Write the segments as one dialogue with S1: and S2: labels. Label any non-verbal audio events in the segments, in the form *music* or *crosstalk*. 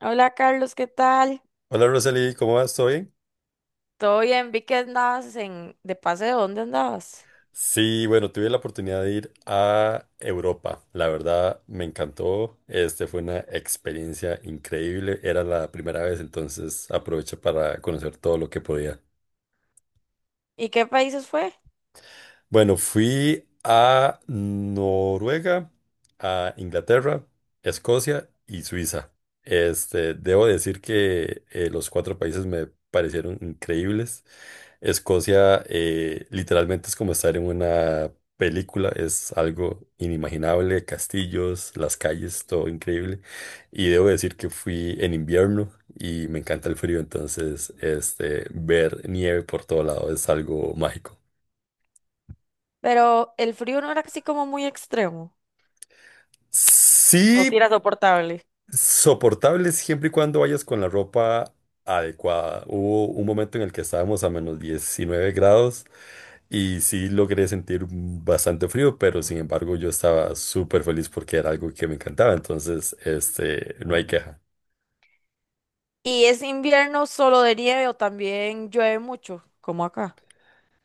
S1: Hola Carlos, ¿qué tal?
S2: Hola Roseli, ¿cómo vas? ¿Todo bien?
S1: Todo bien, vi que andabas en de paseo, ¿dónde andabas?
S2: Sí, bueno, tuve la oportunidad de ir a Europa. La verdad, me encantó. Este fue una experiencia increíble. Era la primera vez, entonces aproveché para conocer todo lo que podía.
S1: ¿Y qué países fue?
S2: Bueno, fui a Noruega, a Inglaterra, Escocia y Suiza. Este, debo decir que los cuatro países me parecieron increíbles. Escocia, literalmente es como estar en una película, es algo inimaginable, castillos, las calles, todo increíble. Y debo decir que fui en invierno y me encanta el frío, entonces este, ver nieve por todo lado es algo mágico.
S1: Pero el frío no era así como muy extremo. O si
S2: Sí,
S1: era soportable.
S2: soportable siempre y cuando vayas con la ropa adecuada. Hubo un momento en el que estábamos a menos 19 grados y sí logré sentir bastante frío, pero sin embargo yo estaba súper feliz porque era algo que me encantaba, entonces este, no hay queja.
S1: ¿Y es invierno solo de nieve o también llueve mucho, como acá?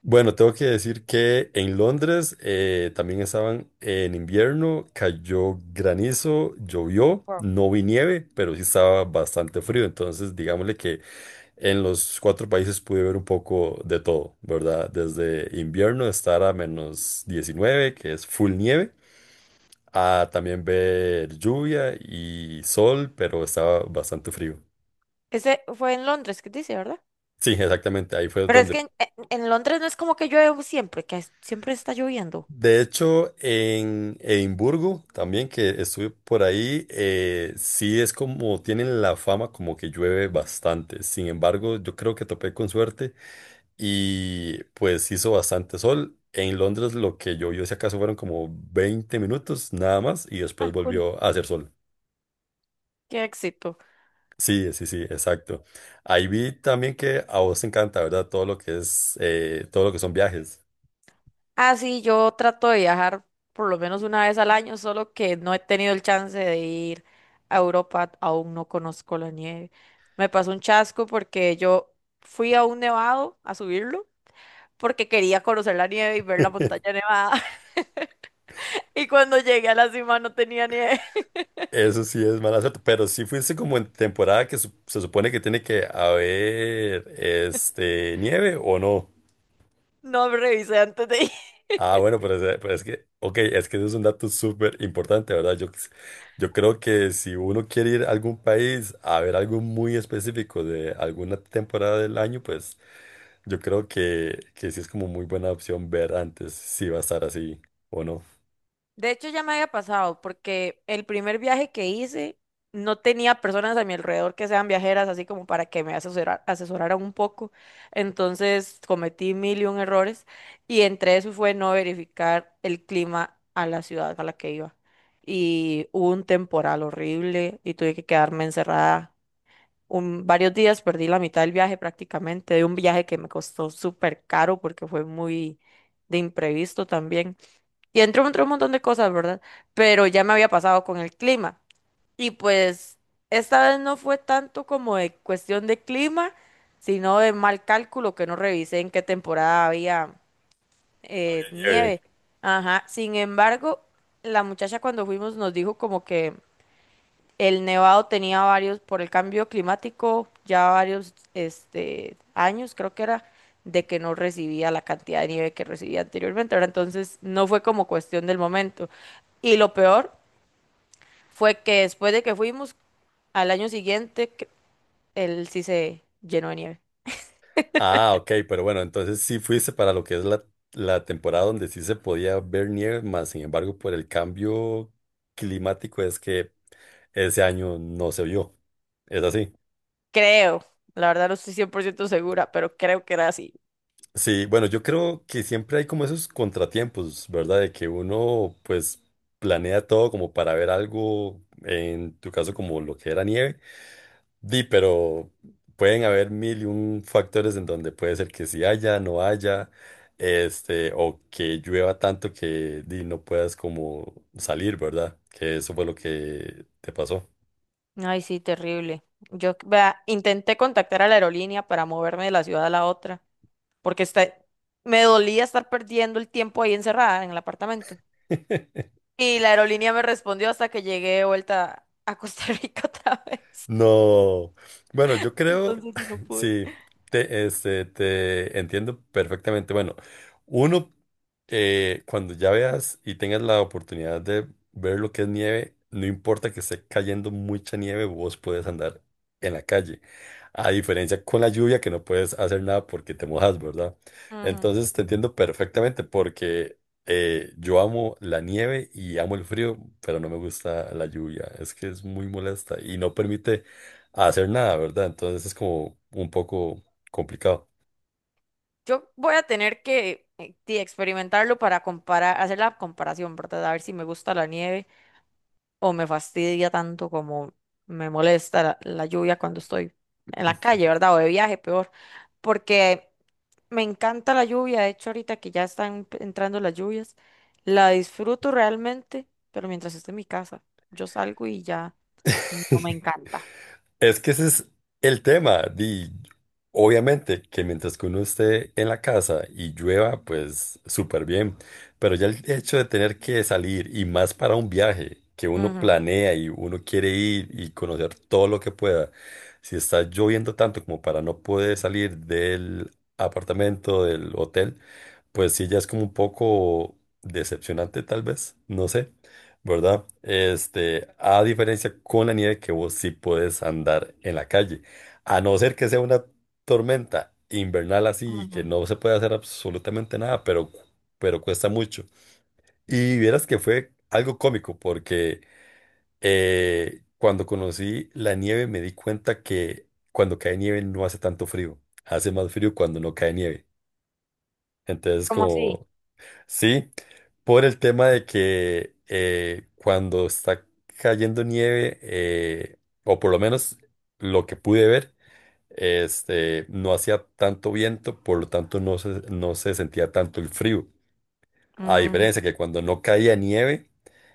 S2: Bueno, tengo que decir que en Londres, también estaban en invierno, cayó granizo, llovió,
S1: Wow.
S2: no vi nieve, pero sí estaba bastante frío, entonces digámosle que en los cuatro países pude ver un poco de todo, ¿verdad? Desde invierno, estar a menos 19, que es full nieve, a también ver lluvia y sol, pero estaba bastante frío.
S1: Ese fue en Londres, ¿qué dice, verdad?
S2: Sí, exactamente, ahí fue
S1: Pero es que
S2: donde…
S1: en Londres no es como que llueve siempre, siempre está lloviendo.
S2: De hecho, en Edimburgo, también que estuve por ahí, sí es como, tienen la fama como que llueve bastante. Sin embargo, yo creo que topé con suerte y pues hizo bastante sol. En Londres lo que llovió, si acaso, fueron como 20 minutos nada más y después
S1: Ah, cool.
S2: volvió a hacer sol.
S1: Qué éxito.
S2: Sí, sí, sí, exacto. Ahí vi también que a vos te encanta, ¿verdad? Todo lo que es, todo lo que son viajes.
S1: Ah, sí, yo trato de viajar por lo menos una vez al año, solo que no he tenido el chance de ir a Europa, aún no conozco la nieve. Me pasó un chasco porque yo fui a un nevado a subirlo, porque quería conocer la nieve y ver la montaña
S2: *laughs*
S1: nevada. *laughs* Y cuando llegué a la cima no tenía nieve. *laughs*
S2: Eso sí es mala suerte, pero sí fuiste como en temporada que se supone que tiene que haber este nieve o no.
S1: No revisé antes de ir.
S2: Ah, bueno, pero es que, ok, es que eso es un dato súper importante, ¿verdad? Yo creo que si uno quiere ir a algún país a ver algo muy específico de alguna temporada del año, pues yo creo que sí es como muy buena opción ver antes si va a estar así o no.
S1: De hecho, ya me había pasado porque el primer viaje que hice no tenía personas a mi alrededor que sean viajeras, así como para que me asesoraran un poco. Entonces cometí mil y un errores, y entre eso fue no verificar el clima a la ciudad a la que iba. Y hubo un temporal horrible y tuve que quedarme encerrada varios días, perdí la mitad del viaje prácticamente, de un viaje que me costó súper caro porque fue muy de imprevisto también. Y entró entre un montón de cosas, ¿verdad? Pero ya me había pasado con el clima. Y pues esta vez no fue tanto como de cuestión de clima, sino de mal cálculo, que no revisé en qué temporada había
S2: Había nieve.
S1: nieve. Ajá, sin embargo, la muchacha cuando fuimos nos dijo como que el Nevado tenía varios, por el cambio climático, ya varios este, años, creo que era, de que no recibía la cantidad de nieve que recibía anteriormente. Ahora, entonces, no fue como cuestión del momento. Y lo peor fue que después de que fuimos, al año siguiente, él sí se llenó de nieve.
S2: Ah, ok, pero bueno, entonces sí fuiste para lo que es la temporada donde sí se podía ver nieve, más sin embargo, por el cambio climático es que ese año no se vio. ¿Es así?
S1: Creo, la verdad no estoy 100% segura, pero creo que era así.
S2: Sí, bueno, yo creo que siempre hay como esos contratiempos, ¿verdad? De que uno pues planea todo como para ver algo, en tu caso como lo que era nieve, di, pero pueden haber mil y un factores en donde puede ser que sí haya, no haya, este, o que llueva tanto que di, no puedas como salir, ¿verdad? Que eso fue lo que te pasó.
S1: Ay, sí, terrible. Yo, vea, intenté contactar a la aerolínea para moverme de la ciudad a la otra porque me dolía estar perdiendo el tiempo ahí encerrada en el apartamento.
S2: *laughs*
S1: Y la aerolínea me respondió hasta que llegué de vuelta a Costa Rica *laughs* otra vez.
S2: No. Bueno, yo creo,
S1: Entonces sí no
S2: *laughs*
S1: pude.
S2: sí, este, te entiendo perfectamente. Bueno, uno, cuando ya veas y tengas la oportunidad de ver lo que es nieve, no importa que esté cayendo mucha nieve, vos puedes andar en la calle. A diferencia con la lluvia, que no puedes hacer nada porque te mojas, ¿verdad?
S1: Ujú.
S2: Entonces te entiendo perfectamente porque yo amo la nieve y amo el frío, pero no me gusta la lluvia. Es que es muy molesta y no permite hacer nada, ¿verdad? Entonces es como un poco complicado.
S1: Yo voy a tener que sí, experimentarlo para comparar, hacer la comparación, ¿verdad? A ver si me gusta la nieve o me fastidia tanto como me molesta la lluvia cuando estoy en la calle, ¿verdad? O de viaje, peor, porque me encanta la lluvia, de hecho ahorita que ya están entrando las lluvias, la disfruto realmente, pero mientras esté en mi casa, yo salgo y ya no me
S2: *laughs*
S1: encanta.
S2: Es que ese es el tema. Di, obviamente que mientras que uno esté en la casa y llueva, pues súper bien. Pero ya el hecho de tener que salir y más para un viaje que uno
S1: Ujú,
S2: planea y uno quiere ir y conocer todo lo que pueda, si está lloviendo tanto como para no poder salir del apartamento, del hotel, pues sí, ya es como un poco decepcionante tal vez. No sé, ¿verdad? Este, a diferencia con la nieve que vos sí puedes andar en la calle. A no ser que sea una tormenta invernal así
S1: ujú.
S2: que no se puede hacer absolutamente nada, pero cuesta mucho. Y vieras que fue algo cómico porque cuando conocí la nieve me di cuenta que cuando cae nieve no hace tanto frío, hace más frío cuando no cae nieve. Entonces
S1: ¿Cómo así?
S2: como sí, por el tema de que cuando está cayendo nieve, o por lo menos lo que pude ver, este, no hacía tanto viento, por lo tanto no se sentía tanto el frío. A
S1: Ujú,
S2: diferencia que cuando no caía nieve,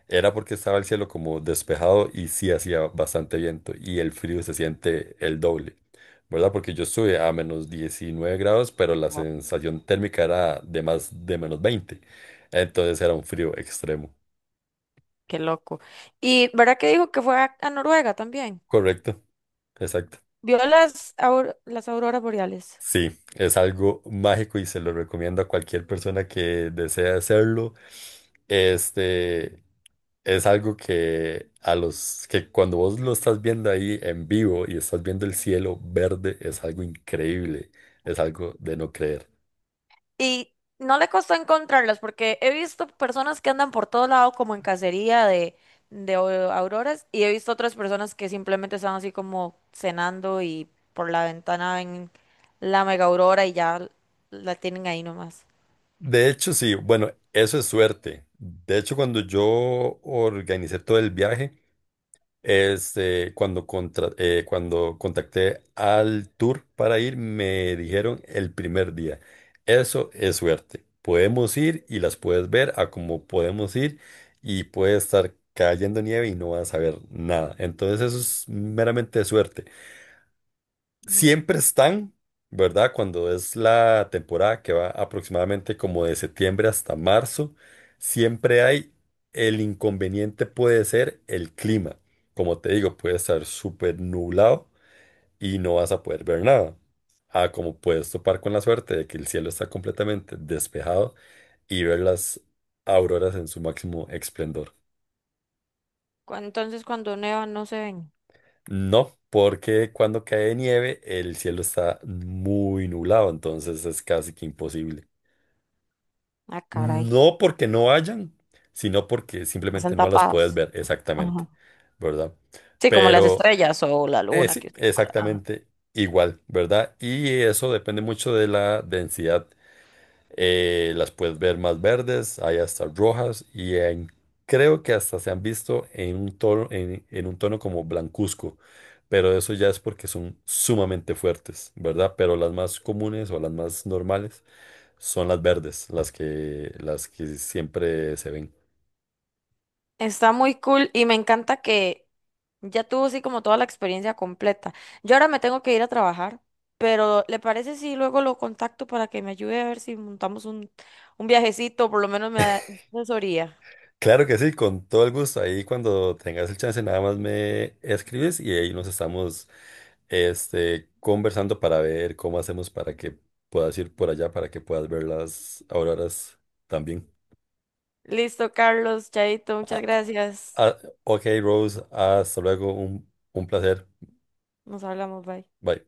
S2: era porque estaba el cielo como despejado y sí hacía bastante viento y el frío se siente el doble, ¿verdad? Porque yo estuve a menos 19 grados, pero la
S1: wow,
S2: sensación térmica era de más de menos veinte. Entonces era un frío extremo.
S1: qué loco. ¿Y verdad que dijo que fue a Noruega también?
S2: Correcto, exacto.
S1: ¿Vio las, las auroras boreales?
S2: Sí, es algo mágico y se lo recomiendo a cualquier persona que desea hacerlo. Este, es algo que a los que cuando vos lo estás viendo ahí en vivo y estás viendo el cielo verde es algo increíble, es algo de no creer.
S1: Y no le costó encontrarlas porque he visto personas que andan por todo lado como en cacería de, de auroras, y he visto otras personas que simplemente están así como cenando y por la ventana ven la mega aurora y ya la tienen ahí nomás.
S2: De hecho, sí, bueno, eso es suerte. De hecho, cuando yo organicé todo el viaje, este, cuando contacté al tour para ir, me dijeron el primer día, eso es suerte, podemos ir y las puedes ver a como podemos ir y puede estar cayendo nieve y no vas a ver nada. Entonces eso es meramente suerte
S1: Ujú.
S2: siempre están, ¿verdad? Cuando es la temporada que va aproximadamente como de septiembre hasta marzo, siempre hay el inconveniente puede ser el clima. Como te digo, puede estar súper nublado y no vas a poder ver nada. Ah, como puedes topar con la suerte de que el cielo está completamente despejado y ver las auroras en su máximo esplendor.
S1: Entonces cuando nevan no se ven.
S2: No, porque cuando cae nieve el cielo está muy nublado, entonces es casi que imposible.
S1: Ah, caray.
S2: No porque no hayan, sino porque
S1: Están
S2: simplemente no las puedes
S1: tapadas.
S2: ver exactamente,
S1: Ajá.
S2: ¿verdad?
S1: Sí, como las
S2: Pero
S1: estrellas o la luna
S2: sí,
S1: que...
S2: exactamente igual, ¿verdad? Y eso depende mucho de la densidad. Las puedes ver más verdes, hay hasta rojas creo que hasta se han visto en un tono, en un tono como blancuzco, pero eso ya es porque son sumamente fuertes, ¿verdad? Pero las más comunes o las más normales son las verdes, las que siempre se ven.
S1: Está muy cool y me encanta que ya tuvo así como toda la experiencia completa. Yo ahora me tengo que ir a trabajar, pero ¿le parece si luego lo contacto para que me ayude a ver si montamos un viajecito, por lo menos me da asesoría?
S2: Claro que sí, con todo el gusto. Ahí cuando tengas el chance, nada más me escribes y ahí nos estamos este, conversando para ver cómo hacemos para que puedas ir por allá, para que puedas ver las auroras también.
S1: Listo, Carlos, Chaito, muchas
S2: Ah,
S1: gracias.
S2: ah, ok, Rose, hasta luego, un placer.
S1: Nos hablamos, bye.
S2: Bye.